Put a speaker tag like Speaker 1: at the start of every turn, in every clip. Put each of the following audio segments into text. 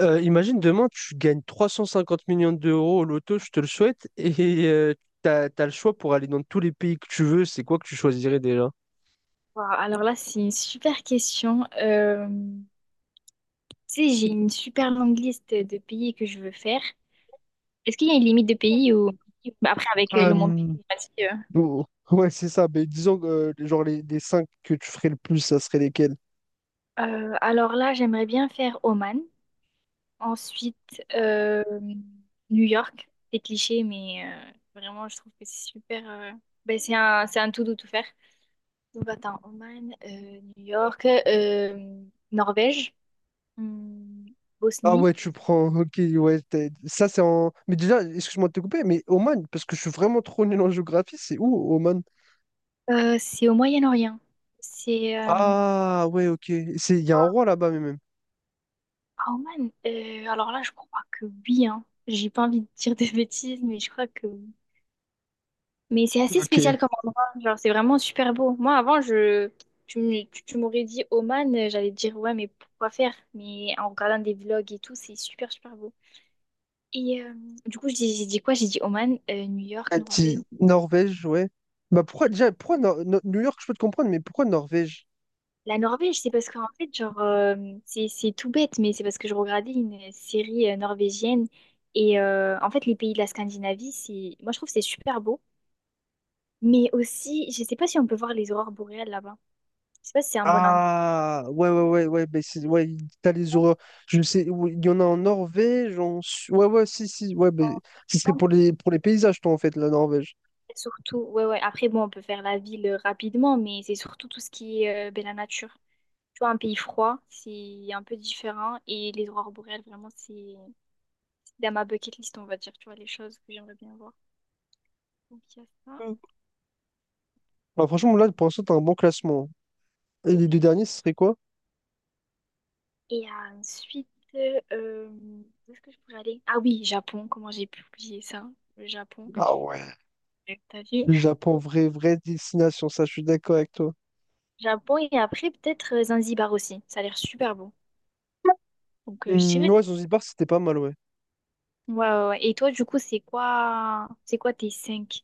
Speaker 1: Imagine demain, tu gagnes 350 millions d'euros au loto, je te le souhaite, et t'as le choix pour aller dans tous les pays que tu veux. C'est quoi que tu choisirais déjà?
Speaker 2: Wow, alors là, c'est une super question. Tu sais, j'ai une super longue liste de pays que je veux faire. Est-ce qu'il y a une limite de pays ou bah, après avec le monde
Speaker 1: Euh,
Speaker 2: climatique,
Speaker 1: bon, ouais, c'est ça. Mais disons, genre, les cinq que tu ferais le plus, ça serait lesquels?
Speaker 2: Alors là, j'aimerais bien faire Oman. Ensuite, New York. C'est cliché, mais vraiment, je trouve que c'est super. Ben, c'est un tout doux tout faire. Donc attends, Oman, New York, Norvège, hmm,
Speaker 1: Ah
Speaker 2: Bosnie.
Speaker 1: ouais, tu prends. Ok, ouais. Ça, c'est en. Mais déjà, excuse-moi de te couper, mais Oman, parce que je suis vraiment trop nul en géographie, c'est où, Oman?
Speaker 2: C'est au Moyen-Orient. C'est
Speaker 1: Ah ouais, ok. C'est... Il y a un roi là-bas, mais même.
Speaker 2: Ah, Oman. Alors là, je crois que oui, hein. J'ai pas envie de dire des bêtises, mais je crois que oui. Mais c'est assez spécial
Speaker 1: Ok.
Speaker 2: comme endroit. Genre, c'est vraiment super beau. Moi, avant, je tu m'aurais dit Oman, j'allais te dire ouais, mais pourquoi faire? Mais en regardant des vlogs et tout, c'est super super beau. Et du coup, j'ai dit quoi? J'ai dit Oman, New York,
Speaker 1: Ah,
Speaker 2: Norvège.
Speaker 1: Norvège, ouais. Bah pourquoi déjà, pourquoi New York, je peux te comprendre, mais pourquoi Norvège?
Speaker 2: La Norvège, c'est parce qu'en fait, genre, c'est tout bête, mais c'est parce que je regardais une série norvégienne. Et en fait, les pays de la Scandinavie, c'est, moi, je trouve que c'est super beau. Mais aussi, je sais pas si on peut voir les aurores boréales là-bas. Je sais pas si c'est un bon endroit.
Speaker 1: Ah, ouais, ouais, ouais, ouais, ouais, t'as les horreurs. Je sais, oui, il y en a en Norvège, en... ouais, ouais, si, si, ouais, bah, ce serait pour pour les paysages, toi, en fait, la Norvège.
Speaker 2: Surtout, ouais, ouais. Après, bon, on peut faire la ville rapidement, mais c'est surtout tout ce qui est ben, la nature. Tu vois, un pays froid, c'est un peu différent. Et les aurores boréales, vraiment, c'est dans ma bucket list, on va dire. Tu vois, les choses que j'aimerais bien voir. Donc, il y a ça.
Speaker 1: Mm. Bah, franchement, là, pour l'instant, t'as un bon classement. Et les
Speaker 2: Et
Speaker 1: deux derniers, ce serait quoi?
Speaker 2: Et ensuite, euh, où est-ce que je pourrais aller? Ah oui, Japon, comment j'ai pu oublier ça? Le Japon,
Speaker 1: Ah ouais.
Speaker 2: t'as vu?
Speaker 1: Le Japon, vraie destination, ça, je suis d'accord avec toi.
Speaker 2: Japon et après peut-être Zanzibar aussi, ça a l'air super beau. Donc je
Speaker 1: Hmm,
Speaker 2: dirais.
Speaker 1: ouais, Zanzibar, c'était pas mal, ouais.
Speaker 2: Ouais, ouais, ouais. Et toi, du coup, c'est quoi tes cinq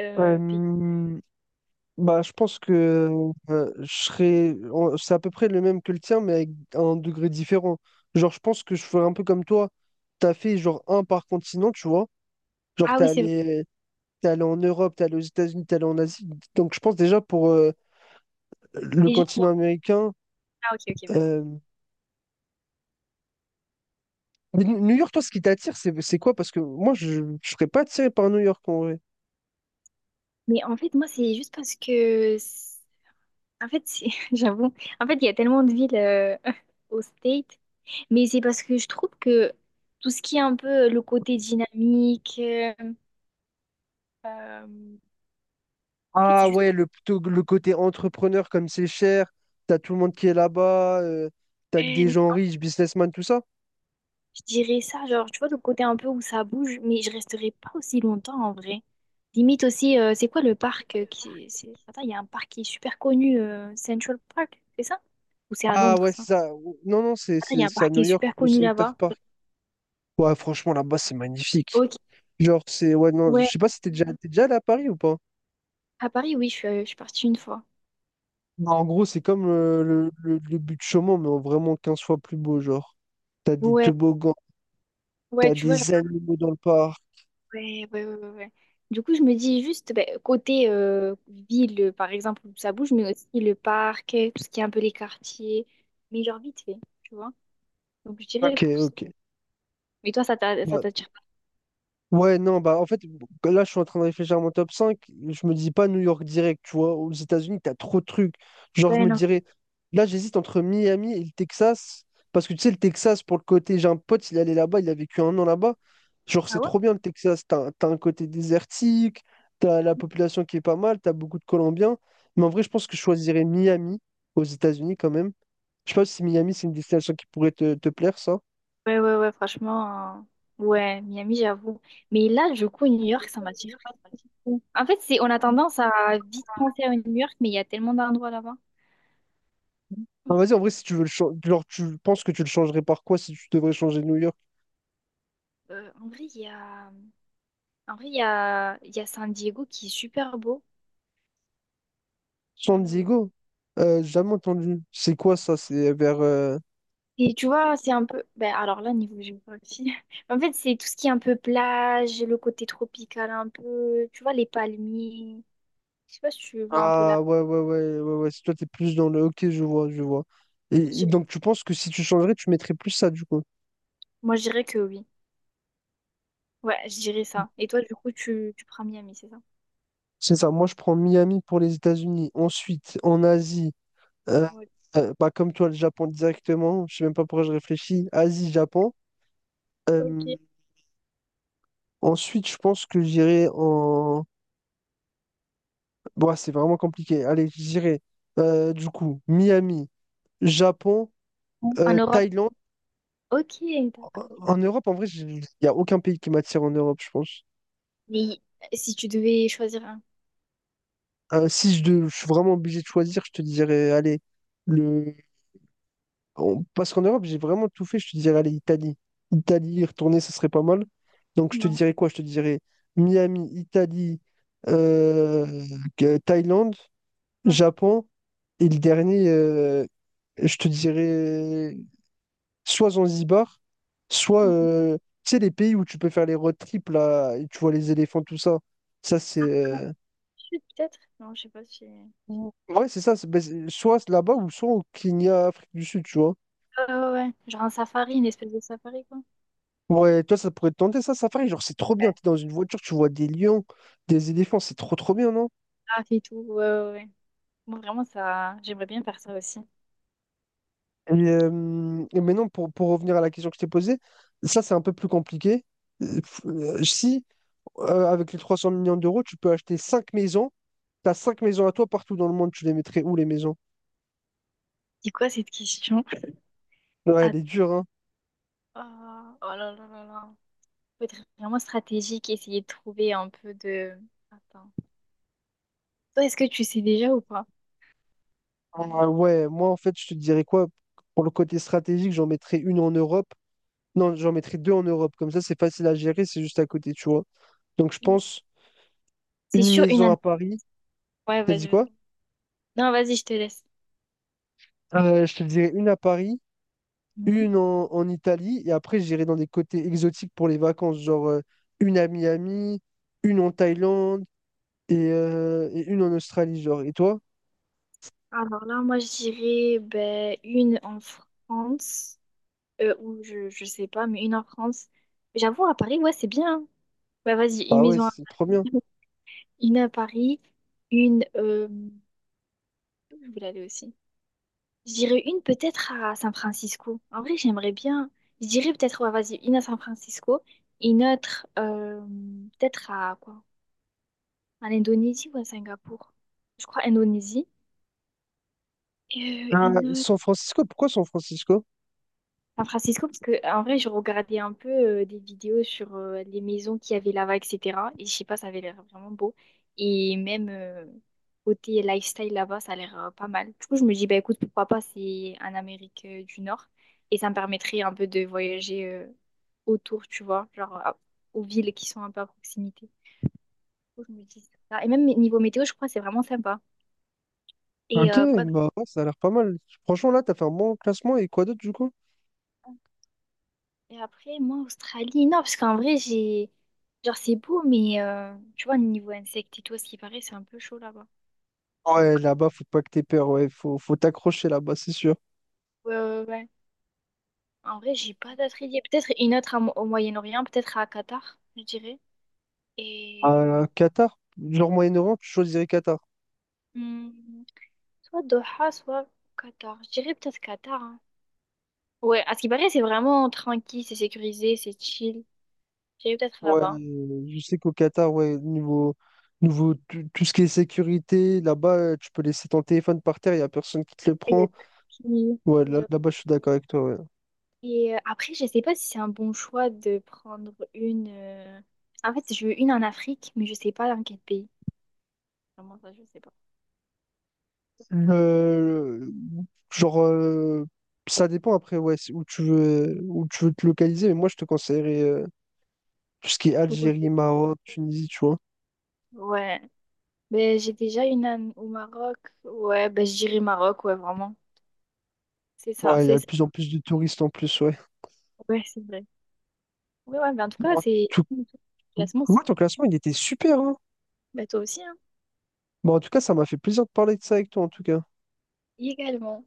Speaker 2: pays?
Speaker 1: Euh, Bah, je pense que je serais. C'est à peu près le même que le tien, mais avec un degré différent. Genre, je pense que je ferais un peu comme toi. T'as fait genre un par continent, tu vois. Genre,
Speaker 2: Ah oui, c'est vrai.
Speaker 1: t'es allé en Europe, t'es allé aux États-Unis, t'es allé en Asie. Donc, je pense déjà pour le
Speaker 2: Déjà, non.
Speaker 1: continent américain.
Speaker 2: Ah ok, ok,
Speaker 1: euh,
Speaker 2: vas-y.
Speaker 1: mais New York, toi, ce qui t'attire, c'est quoi? Parce que moi, je ne serais pas attiré par New York en vrai.
Speaker 2: Mais en fait, moi, c'est juste parce que en fait, j'avoue, en fait, il y a tellement de villes au State, mais c'est parce que je trouve que tout ce qui est un peu le côté dynamique, en fait, c'est
Speaker 1: Ah
Speaker 2: juste
Speaker 1: ouais,
Speaker 2: pour...
Speaker 1: le, plutôt le côté entrepreneur, comme c'est cher, t'as tout le monde qui est là-bas, t'as que
Speaker 2: Ouais,
Speaker 1: des
Speaker 2: mais
Speaker 1: gens riches, businessmen, tout ça.
Speaker 2: je dirais ça, genre, tu vois, le côté un peu où ça bouge, mais je resterai pas aussi longtemps en vrai. Limite aussi, c'est quoi le parc qui... Attends, il y a un parc qui est super connu, Central Park, c'est ça? Ou c'est à
Speaker 1: Ah
Speaker 2: Londres,
Speaker 1: ouais, c'est
Speaker 2: ça?
Speaker 1: ça. Non, non,
Speaker 2: Attends, il y a un
Speaker 1: c'est à
Speaker 2: parc qui
Speaker 1: New
Speaker 2: est
Speaker 1: York,
Speaker 2: super
Speaker 1: le
Speaker 2: connu
Speaker 1: Center
Speaker 2: là-bas.
Speaker 1: Park. Ouais, franchement, là-bas, c'est magnifique.
Speaker 2: Ok,
Speaker 1: Genre, c'est. Ouais, non,
Speaker 2: ouais,
Speaker 1: je sais pas si t'es déjà, t'es déjà allé à Paris ou pas.
Speaker 2: à Paris, oui, je suis partie une fois.
Speaker 1: Non, en gros, c'est comme le but de Chaumont, mais en vraiment 15 fois plus beau, genre. T'as des
Speaker 2: Ouais.
Speaker 1: toboggans,
Speaker 2: Ouais,
Speaker 1: t'as
Speaker 2: tu vois, genre,
Speaker 1: des animaux dans le parc.
Speaker 2: ouais, ouais, ouais, ouais, ouais. Du coup, je me dis juste, ben, côté ville, par exemple, où ça bouge, mais aussi le parc, tout ce qui est un peu les quartiers, mais genre vite fait, tu vois. Donc, je dirais
Speaker 1: Ok,
Speaker 2: pour ça.
Speaker 1: ok.
Speaker 2: Mais toi, ça
Speaker 1: Bah,
Speaker 2: t'attire
Speaker 1: ouais, non, bah en fait, là, je suis en train de réfléchir à mon top cinq. Je me dis pas New York direct, tu vois. Aux États-Unis, t'as trop de trucs. Genre,
Speaker 2: pas?
Speaker 1: je
Speaker 2: Ouais,
Speaker 1: me
Speaker 2: non.
Speaker 1: dirais, là, j'hésite entre Miami et le Texas. Parce que tu sais, le Texas, pour le côté, j'ai un pote, il allait là-bas, il a vécu un an là-bas. Genre,
Speaker 2: Ah
Speaker 1: c'est
Speaker 2: ouais?
Speaker 1: trop bien le Texas. T'as un côté désertique, t'as la population qui est pas mal, t'as beaucoup de Colombiens. Mais en vrai, je pense que je choisirais Miami aux États-Unis quand même. Je sais pas si Miami, c'est une destination qui pourrait te plaire, ça.
Speaker 2: Ouais, ouais, ouais, franchement, ouais, Miami, j'avoue. Mais là, du coup, New York, ça m'attire pas trop. En fait, c'est, on a tendance à vite penser à New York, mais il y a tellement d'endroits là-bas.
Speaker 1: Ah, vas-y, en vrai, si tu veux le changer, genre, tu penses que tu le changerais par quoi si tu devrais changer New York?
Speaker 2: En vrai, en vrai, il y a San Diego qui est super beau.
Speaker 1: San
Speaker 2: Euh,
Speaker 1: Diego? Jamais entendu. C'est quoi ça? C'est vers.
Speaker 2: Et tu vois, c'est un peu. Ben, alors là, niveau géographie. En fait, c'est tout ce qui est un peu plage, le côté tropical un peu. Tu vois, les palmiers. Je sais pas si tu vois un peu là.
Speaker 1: Ah, ouais, ouais, ouais, ouais, ouais. Si toi, t'es plus dans le. Ok, je vois, je vois.
Speaker 2: Je
Speaker 1: Et
Speaker 2: dirais-
Speaker 1: donc, tu penses que si tu changerais, tu mettrais plus ça, du coup?
Speaker 2: Moi, je dirais que oui. Ouais, je dirais ça. Et toi, du coup, tu prends Miami, c'est ça?
Speaker 1: C'est ça. Moi, je prends Miami pour les États-Unis. Ensuite, en Asie, euh,
Speaker 2: Ouais.
Speaker 1: bah, comme toi, le Japon directement. Je sais même pas pourquoi je réfléchis. Asie, Japon. Euh,
Speaker 2: Ok.
Speaker 1: Ensuite, je pense que j'irai en. Bon, c'est vraiment compliqué. Allez, je dirais du coup Miami, Japon,
Speaker 2: En Europe.
Speaker 1: Thaïlande.
Speaker 2: Ok,
Speaker 1: En,
Speaker 2: d'accord.
Speaker 1: en Europe, en vrai, il n'y a aucun pays qui m'attire en Europe, je pense.
Speaker 2: Mais si tu devais choisir un.
Speaker 1: Si je, je suis vraiment obligé de choisir, je te dirais, allez, le... Parce qu'en Europe, j'ai vraiment tout fait, je te dirais, allez, Italie. Italie, y retourner, ce serait pas mal. Donc, je te
Speaker 2: Ouais.
Speaker 1: dirais quoi? Je te dirais Miami, Italie, euh, Thaïlande,
Speaker 2: Ouais.
Speaker 1: Japon, et le dernier, je te dirais. Soit Zanzibar, soit
Speaker 2: Ouais.
Speaker 1: tu sais, les pays où tu peux faire les road trips là, et tu vois les éléphants, tout ça. Ça, c'est.
Speaker 2: Ah, sud, peut-être? Non, je sais pas si. Ouais,
Speaker 1: Ouais, c'est ça. Ben, soit là-bas ou soit au Kenya, Afrique du Sud, tu vois.
Speaker 2: ouais, ouais. Genre un safari, une espèce de safari, quoi.
Speaker 1: Ouais, toi, ça pourrait te tenter ça, Safari. Genre, c'est trop bien.
Speaker 2: Ouais.
Speaker 1: T'es dans une voiture, tu vois des lions, des éléphants, c'est trop, trop bien, non?
Speaker 2: Ah, et tout. Ouais, ouais, ouais. Moi, vraiment, ça, j'aimerais bien faire ça aussi.
Speaker 1: Et maintenant, pour revenir à la question que je t'ai posée, ça, c'est un peu plus compliqué. Si, avec les 300 millions d'euros, tu peux acheter 5 maisons, t'as 5 maisons à toi partout dans le monde, tu les mettrais où les maisons?
Speaker 2: C'est quoi cette question?
Speaker 1: Ouais, elle est
Speaker 2: Att-
Speaker 1: dure, hein.
Speaker 2: Ah, oh, oh là là là là. Faut être vraiment stratégique, essayer de trouver un peu de... Attends. Toi, est-ce que tu sais déjà ou pas?
Speaker 1: Ah ouais, moi en fait, je te dirais quoi? Pour le côté stratégique, j'en mettrais une en Europe. Non, j'en mettrais deux en Europe. Comme ça, c'est facile à gérer, c'est juste à côté, tu vois. Donc je
Speaker 2: Oui.
Speaker 1: pense
Speaker 2: C'est
Speaker 1: une
Speaker 2: sûr, une
Speaker 1: maison à
Speaker 2: ananas.
Speaker 1: Paris.
Speaker 2: Ouais,
Speaker 1: T'as dit
Speaker 2: vas-y,
Speaker 1: quoi?
Speaker 2: vas-y. Non, vas-y, je te laisse.
Speaker 1: Je te dirais une à Paris,
Speaker 2: Mhm.
Speaker 1: une en, en Italie, et après j'irai dans des côtés exotiques pour les vacances, genre une à Miami, une en Thaïlande et une en Australie, genre. Et toi?
Speaker 2: Alors là, moi, je dirais ben, une en France, je sais pas, mais une en France. J'avoue, à Paris, ouais, c'est bien. Bah, vas-y, une
Speaker 1: Ah ouais,
Speaker 2: maison, à-
Speaker 1: c'est trop bien.
Speaker 2: une à Paris, une... où je voulais aller aussi. Je dirais une peut-être à San Francisco. En vrai, j'aimerais bien. Je dirais peut-être, ouais, vas-y, une à San Francisco et une autre peut-être à quoi? À l'Indonésie ou à Singapour? Je crois Indonésie. Et
Speaker 1: Ah,
Speaker 2: une
Speaker 1: San Francisco, pourquoi San Francisco?
Speaker 2: San Francisco, parce que en vrai, je regardais un peu des vidéos sur les maisons qu'il y avait là-bas, etc. Et je sais pas, ça avait l'air vraiment beau. Et même côté lifestyle là-bas, ça a l'air pas mal. Du coup, je me dis, bah écoute, pourquoi pas, c'est en Amérique du Nord. Et ça me permettrait un peu de voyager autour, tu vois, aux villes qui sont un peu à proximité. Du coup, je me dis ça. Et même niveau météo, je crois que c'est vraiment sympa. Et
Speaker 1: Ok,
Speaker 2: quoi? D'autre?
Speaker 1: bah ouais, ça a l'air pas mal. Franchement, là, t'as fait un bon classement et quoi d'autre du coup?
Speaker 2: Et après, moi, Australie, non, parce qu'en vrai, j'ai. Genre, c'est beau, mais tu vois, niveau insectes et tout, à ce qui paraît, c'est un peu chaud là-bas.
Speaker 1: Ouais,
Speaker 2: Donc,
Speaker 1: là-bas, faut pas que t'aies peur, ouais, faut, faut t'accrocher là-bas, c'est sûr.
Speaker 2: ouais, ouais, ouais. En vrai, j'ai pas d'autres idées. Peut-être une autre à au Moyen-Orient, peut-être à Qatar, je dirais. Et.
Speaker 1: Qatar, genre Moyen-Orient, tu choisirais Qatar.
Speaker 2: Hmm, soit Doha, soit Qatar. Je dirais peut-être Qatar. Hein. Ouais, à ce qui paraît, c'est vraiment tranquille, c'est sécurisé, c'est chill. Je dirais peut-être
Speaker 1: Ouais,
Speaker 2: là-bas.
Speaker 1: je sais qu'au Qatar, ouais, niveau, niveau tout, ce qui est sécurité, là-bas, tu peux laisser ton téléphone par terre, il n'y a personne qui te le
Speaker 2: Et il y a
Speaker 1: prend.
Speaker 2: Turquie.
Speaker 1: Ouais, là, là-bas, je suis d'accord avec toi, ouais.
Speaker 2: Et après, je sais pas si c'est un bon choix de prendre une. En fait, je veux une en Afrique, mais je sais pas dans quel pays. Vraiment ça, je sais pas.
Speaker 1: Le- genre, ça dépend après, ouais, c'est où tu veux te localiser, mais moi, je te conseillerais. Tout ce qui est
Speaker 2: Faut qu'on
Speaker 1: Algérie, Maroc, Tunisie, tu vois.
Speaker 2: ouais. Ben, j'ai déjà une en- au Maroc. Ouais, ben, je dirais Maroc, ouais, vraiment. C'est ça,
Speaker 1: Ouais, il y
Speaker 2: c'est
Speaker 1: a de
Speaker 2: ça.
Speaker 1: plus en plus de touristes en plus, ouais.
Speaker 2: Ouais, c'est vrai. Ouais, ouais, mais en tout cas,
Speaker 1: Bon,
Speaker 2: c'est.
Speaker 1: tout-
Speaker 2: Le classement, c'est.
Speaker 1: Moi, ton classement, il était super, hein.
Speaker 2: Ben, toi aussi, hein.
Speaker 1: Bon, en tout cas, ça m'a fait plaisir de parler de ça avec toi, en tout cas.
Speaker 2: Également.